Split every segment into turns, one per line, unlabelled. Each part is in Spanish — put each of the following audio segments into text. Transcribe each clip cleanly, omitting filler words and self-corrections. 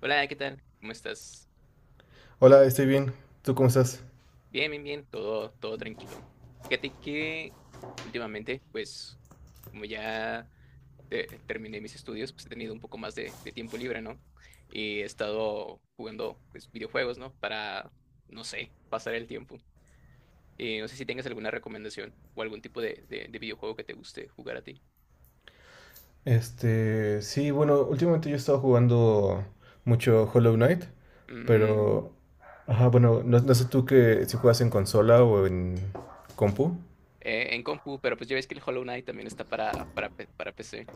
Hola, ¿qué tal? ¿Cómo estás?
Hola, estoy bien. ¿Tú cómo estás?
Bien, bien, bien, todo tranquilo. Fíjate que últimamente, pues, como ya terminé mis estudios, pues he tenido un poco más de tiempo libre, ¿no? Y he estado jugando, pues, videojuegos, ¿no? Para, no sé, pasar el tiempo. No sé si tengas alguna recomendación o algún tipo de videojuego que te guste jugar a ti.
Sí, bueno, últimamente yo he estado jugando mucho Hollow Knight,
Mm.
pero, ajá, bueno, no, no sé tú que si juegas en consola o en compu.
En compu, pero pues ya ves que el Hollow Knight también está para PC.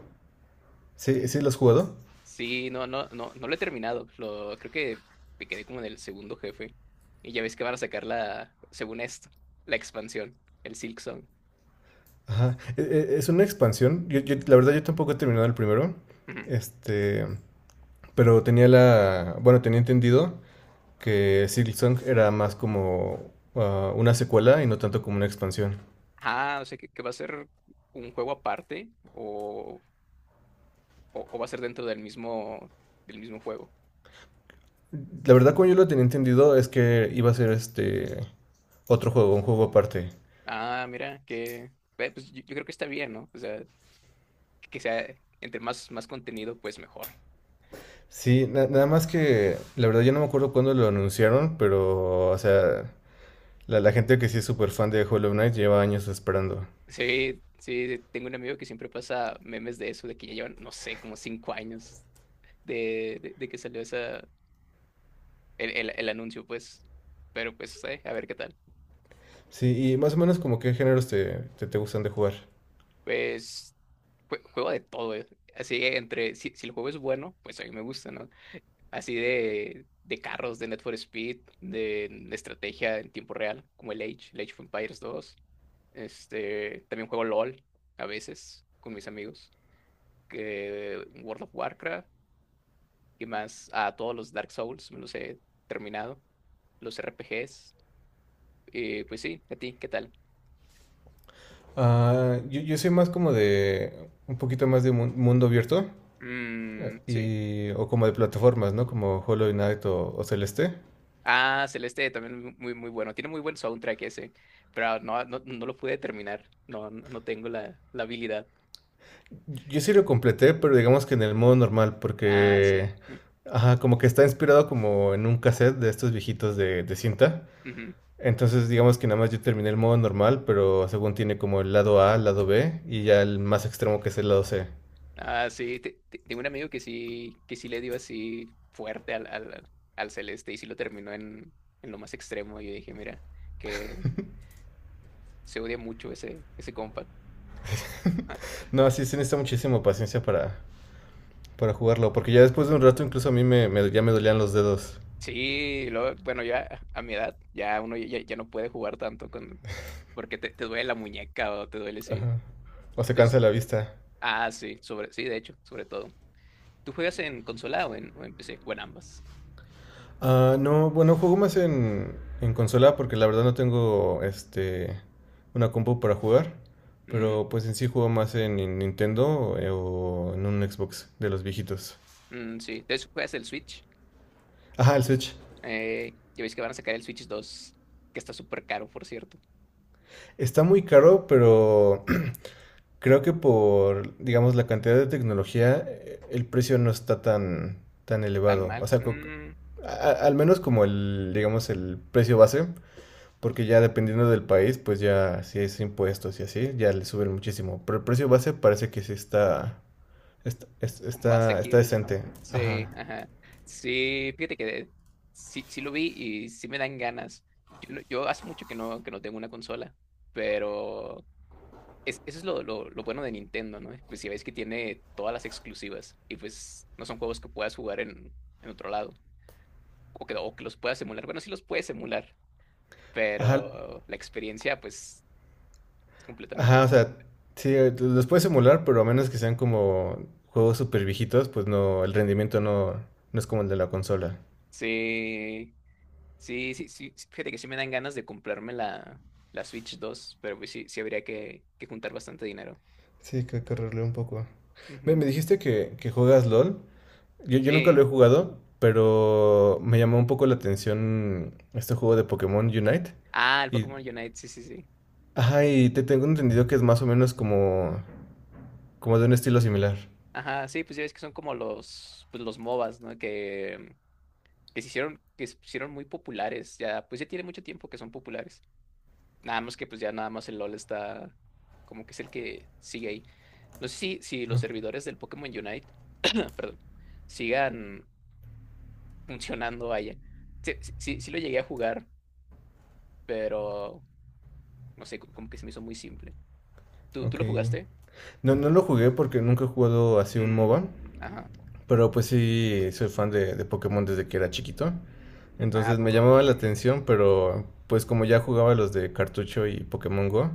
Sí, sí lo has jugado.
Sí, no, no, no, no lo he terminado. Lo, creo que me quedé como en el segundo jefe. Y ya ves que van a sacar la, según esto, la expansión, el Silk Song.
Ajá, es una expansión. La verdad yo tampoco he terminado el primero.
Ujú.
Este, pero tenía la, bueno, tenía entendido que Silksong era más como una secuela y no tanto como una expansión.
Ah, o sea, que va a ser un juego aparte o, o va a ser dentro del mismo juego.
La verdad, como yo lo tenía entendido, es que iba a ser otro juego, un juego aparte.
Ah, mira, que, yo creo que está bien, ¿no? O sea, que sea entre más, más contenido, pues mejor.
Sí, nada más que la verdad yo no me acuerdo cuándo lo anunciaron, pero o sea, la gente que sí es súper fan de Hollow Knight lleva años esperando.
Sí, sí, sí, tengo un amigo que siempre pasa memes de eso, de que ya llevan, no sé, como 5 años de que salió esa, el anuncio, pues. Pero pues, a ver qué tal.
Sí, y más o menos como qué géneros te gustan de jugar.
Pues juego de todo, eh. Así que entre, si el juego es bueno, pues a mí me gusta, ¿no? Así de carros, de Need for Speed, de estrategia en tiempo real, como el Age, el Age of Empires 2. Este, también juego LOL a veces con mis amigos. Que World of Warcraft y más a todos los Dark Souls, me los he terminado. Los RPGs. Y pues sí, a ti, ¿qué tal?
Ah, yo soy más como de un poquito más de mundo abierto
Mm, sí.
y, o como de plataformas, ¿no? Como Hollow Knight o Celeste.
Ah, Celeste también muy, muy bueno. Tiene muy buen soundtrack ese, pero no, no, no lo pude terminar. No, no no tengo la, la habilidad.
Yo sí lo completé, pero digamos que en el modo normal,
Ah, sí.
porque ajá, como que está inspirado como en un cassette de estos viejitos de cinta.
Ujú.
Entonces, digamos que nada más yo terminé el modo normal, pero según tiene como el lado A, el lado B y ya el más extremo que es el lado C.
Ah, sí. Tengo un amigo que sí le dio así fuerte al Celeste y sí lo terminó en lo más extremo. Y yo dije, mira, que se odia mucho ese, ese compa. Ah,
No, sí se necesita muchísima paciencia para jugarlo, porque ya después de un rato incluso a mí ya me dolían los dedos
sí, luego, bueno, ya a mi edad, ya uno ya, ya no puede jugar tanto con, porque te duele la muñeca o te duele, sí.
o se cansa la vista.
Ah, sí, sobre, sí, de hecho, sobre todo. ¿Tú juegas en consola o en PC? O en ambas.
Ah, no, bueno, juego más en consola porque la verdad no tengo una compu para jugar,
Mm,
pero pues en sí juego más en Nintendo o en un Xbox de los viejitos.
mm, sí, de hecho juegas el Switch.
Ajá, el Switch.
¿Ya veis que van a sacar el Switch 2? Que está súper caro, por cierto.
Está muy caro, pero creo que por, digamos, la cantidad de tecnología, el precio no está tan, tan
Tan
elevado.
mal.
O sea,
Mm,
al menos como el, digamos, el precio base. Porque ya dependiendo del país, pues ya si es impuestos y así, ya le suben muchísimo. Pero el precio base parece que sí
como
está
asequible, ¿no?
decente.
Sí,
Ajá.
ajá. Sí, fíjate que sí, sí lo vi y sí me dan ganas. Yo, yo hace mucho que no tengo una consola, pero es, eso es lo bueno de Nintendo, ¿no? Pues si ves que tiene todas las exclusivas y pues no son juegos que puedas jugar en otro lado o que los puedas emular. Bueno, sí los puedes emular,
Ajá.
pero la experiencia pues es
Ajá, o
completamente...
sea, sí, los puedes emular, pero a menos que sean como juegos súper viejitos, pues no, el rendimiento no es como el de la consola.
Sí, sí, sí, sí, sí, fíjate que sí me dan ganas de comprarme la, la Switch 2, pero pues sí, sí habría que juntar bastante dinero.
Sí, que hay que correrle un poco. Me,
Ujú.
me dijiste que juegas LOL. Yo nunca
Sí.
lo he jugado, pero me llamó un poco la atención este juego de Pokémon Unite.
Ah, el
Y
Pokémon Unite, sí, sí, sí.
ajá, y te tengo entendido que es más o menos como, como de un estilo similar.
Ajá, sí, pues ya ves que son como los, pues los MOBAs, ¿no? Que se hicieron, que se hicieron muy populares, ya, pues ya tiene mucho tiempo que son populares. Nada más que pues ya nada más el LOL está como que es el que sigue ahí. No sé si, si los servidores del Pokémon Unite, perdón, sigan funcionando, allá. Sí, sí, sí, sí lo llegué a jugar, pero no sé, como que se me hizo muy simple. ¿Tú, tú
Ok.
lo jugaste?
No, no lo jugué porque nunca he jugado así un MOBA,
Mm, ajá.
pero pues sí soy fan de Pokémon desde que era chiquito.
Ah, ¿a
Entonces me
poco?
llamaba la
Mm,
atención, pero pues como ya jugaba los de cartucho y Pokémon Go,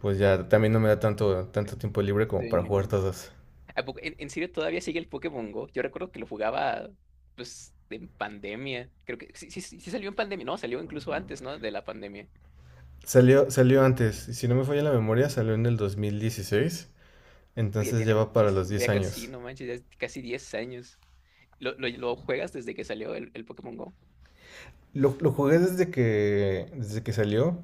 pues ya también no me da
eh,
tanto tiempo libre como para jugar
sí.
todos.
Ah, en serio, todavía sigue el Pokémon Go. Yo recuerdo que lo jugaba, pues, en pandemia. Creo que sí, sí, sí sí salió en pandemia. No, salió incluso antes, ¿no? De la pandemia. Uf,
Salió, salió antes, si no me falla la memoria, salió en el 2016,
ya
entonces
tiene
ya va para los
muchísimo,
10
ya casi,
años.
no manches, ya es casi 10 años. Lo juegas desde que salió el Pokémon Go?
Lo jugué desde que salió,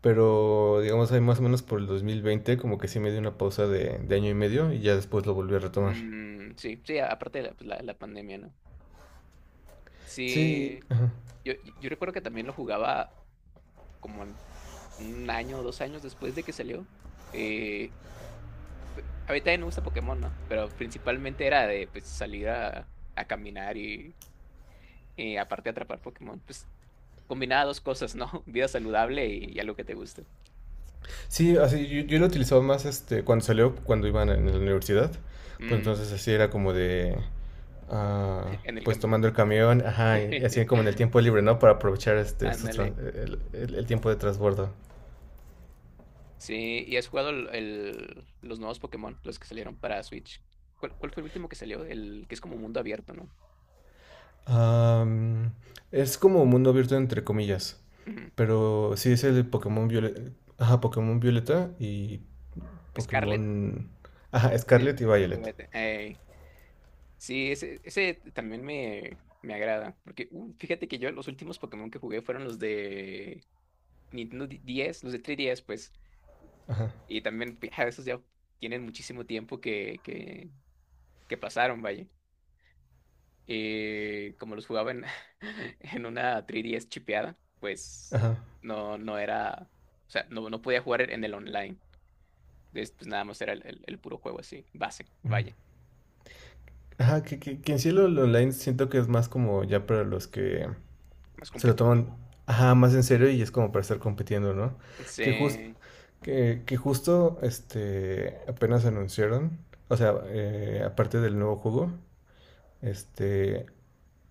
pero digamos ahí más o menos por el 2020 como que sí me dio una pausa de 1 año y medio y ya después lo volví a retomar.
Mm, sí, sí, aparte de la, pues, la pandemia, ¿no?
Sí,
Sí,
ajá.
yo, yo recuerdo que también lo jugaba como en un año o 2 años después de que salió. Eh, A mí también me gusta Pokémon, ¿no? Pero principalmente era de pues salir a caminar y aparte atrapar Pokémon. Pues combinaba dos cosas, ¿no? Vida saludable y algo que te guste.
Sí, así yo lo utilizaba más cuando salió, cuando iban en la universidad, pues
Mm,
entonces así era como de ah,
en el
pues
camión.
tomando el camión, ajá, y así como en el tiempo libre, ¿no? Para aprovechar estos
Ándale.
el tiempo de transbordo.
Sí, ¿y has jugado el, los nuevos Pokémon, los que salieron para Switch? ¿Cuál, cuál fue el último que salió? El que es como mundo abierto, ¿no?
Am, es como mundo abierto entre comillas,
Ujú.
pero sí es el Pokémon Violeta, ajá, Pokémon Violeta y
Scarlet.
Pokémon, ajá,
Sí,
Scarlet y
sí,
Violet,
Scarlet. Ey. Sí, ese también me agrada. Porque fíjate que yo los últimos Pokémon que jugué fueron los de Nintendo DS, los de 3DS, pues.
ajá,
Y también, pues, ja, esos ya tienen muchísimo tiempo que pasaron, vaya. Como los jugaba en, en una 3DS chipeada, pues
ajá,
no, no era. O sea, no, no podía jugar en el online. Entonces, pues nada más era el, el puro juego así, base,
mm.
vaya,
Ajá, que en sí lo online siento que es más como ya para los que
más
se lo toman,
competitivo.
ajá, más en serio y es como para estar compitiendo, ¿no? Que justo
Sí.
que justo apenas anunciaron, o sea, aparte del nuevo juego, este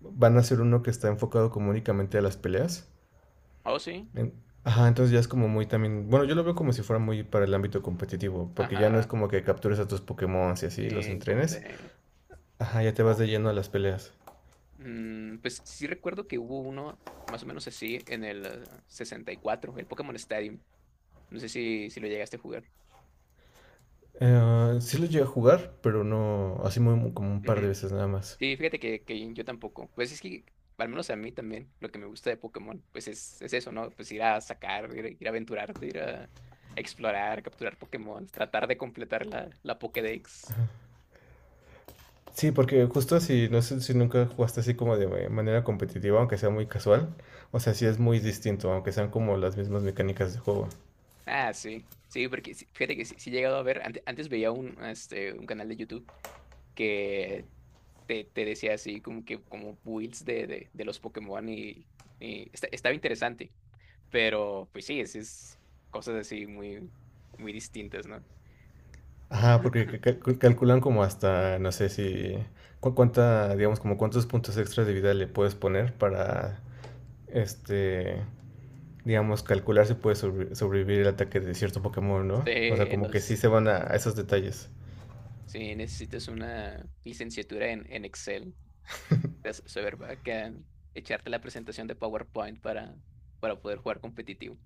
van a hacer uno que está enfocado como únicamente a las peleas.
Oh, sí.
En- Ajá, entonces ya es como muy también, bueno, yo lo veo como si fuera muy para el ámbito competitivo, porque ya no
Ajá.
es como que captures a tus Pokémon y así los
Eh, como
entrenes.
de.
Ajá, ya te vas de lleno a las peleas.
Mm, pues sí recuerdo que hubo uno más o menos así en el 64, el Pokémon Stadium. No sé si, si lo llegaste a jugar.
Sí lo llegué a jugar, pero no, así como un par de
Ujú.
veces nada más.
Sí, fíjate que yo tampoco. Pues es que, al menos a mí también, lo que me gusta de Pokémon, pues es eso, ¿no? Pues ir a sacar, ir, ir a aventurarte, ir a explorar, capturar Pokémon, tratar de completar la, la Pokédex.
Sí, porque justo si, no sé si nunca jugaste así como de manera competitiva, aunque sea muy casual, o sea, sí es muy distinto, aunque sean como las mismas mecánicas de juego.
Ah, sí. Sí, porque sí, fíjate que sí, sí he llegado a ver, antes veía un, este, un canal de YouTube que te decía así, como que como builds de los Pokémon y, estaba interesante, pero pues sí, es cosas así muy, muy distintas, ¿no?
Ajá, porque calculan como hasta, no sé si, cuánta, digamos, como cuántos puntos extras de vida le puedes poner para, este, digamos, calcular si puedes sobrevivir el ataque de cierto Pokémon, ¿no? O sea,
Sí,
como que sí
los,
se van a esos detalles.
sí, necesitas una licenciatura en Excel, de saber acá, echarte la presentación de PowerPoint para poder jugar competitivo.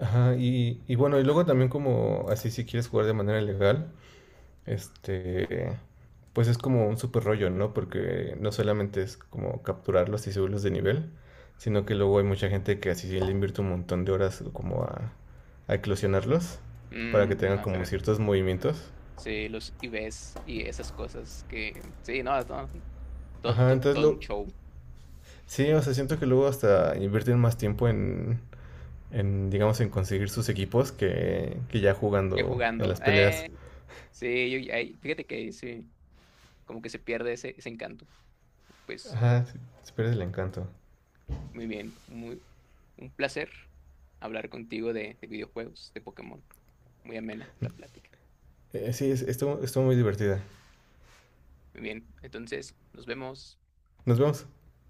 Ajá, y bueno, y luego también como así si quieres jugar de manera legal, Este, pues es como un super rollo, ¿no? Porque no solamente es como capturarlos y subirlos de nivel, sino que luego hay mucha gente que así le invierte un montón de horas como a eclosionarlos para que
Mm,
tengan
a
como
ver,
ciertos movimientos.
sí, los IVs y esas cosas que, sí, no, no,
Ajá, entonces
todo un
lo...
show.
Sí, o sea, siento que luego hasta invierten más tiempo en digamos, en conseguir sus equipos que ya
Ya
jugando en
jugando.
las peleas.
Eh, sí, fíjate que ahí sí, como que se pierde ese, ese encanto. Pues
Ajá, sí, se pierde el encanto.
muy bien, muy, un placer hablar contigo de videojuegos, de Pokémon. Muy amena la plática.
Sí, estuvo, estuvo muy divertida.
Muy bien, entonces nos vemos.
Nos vemos.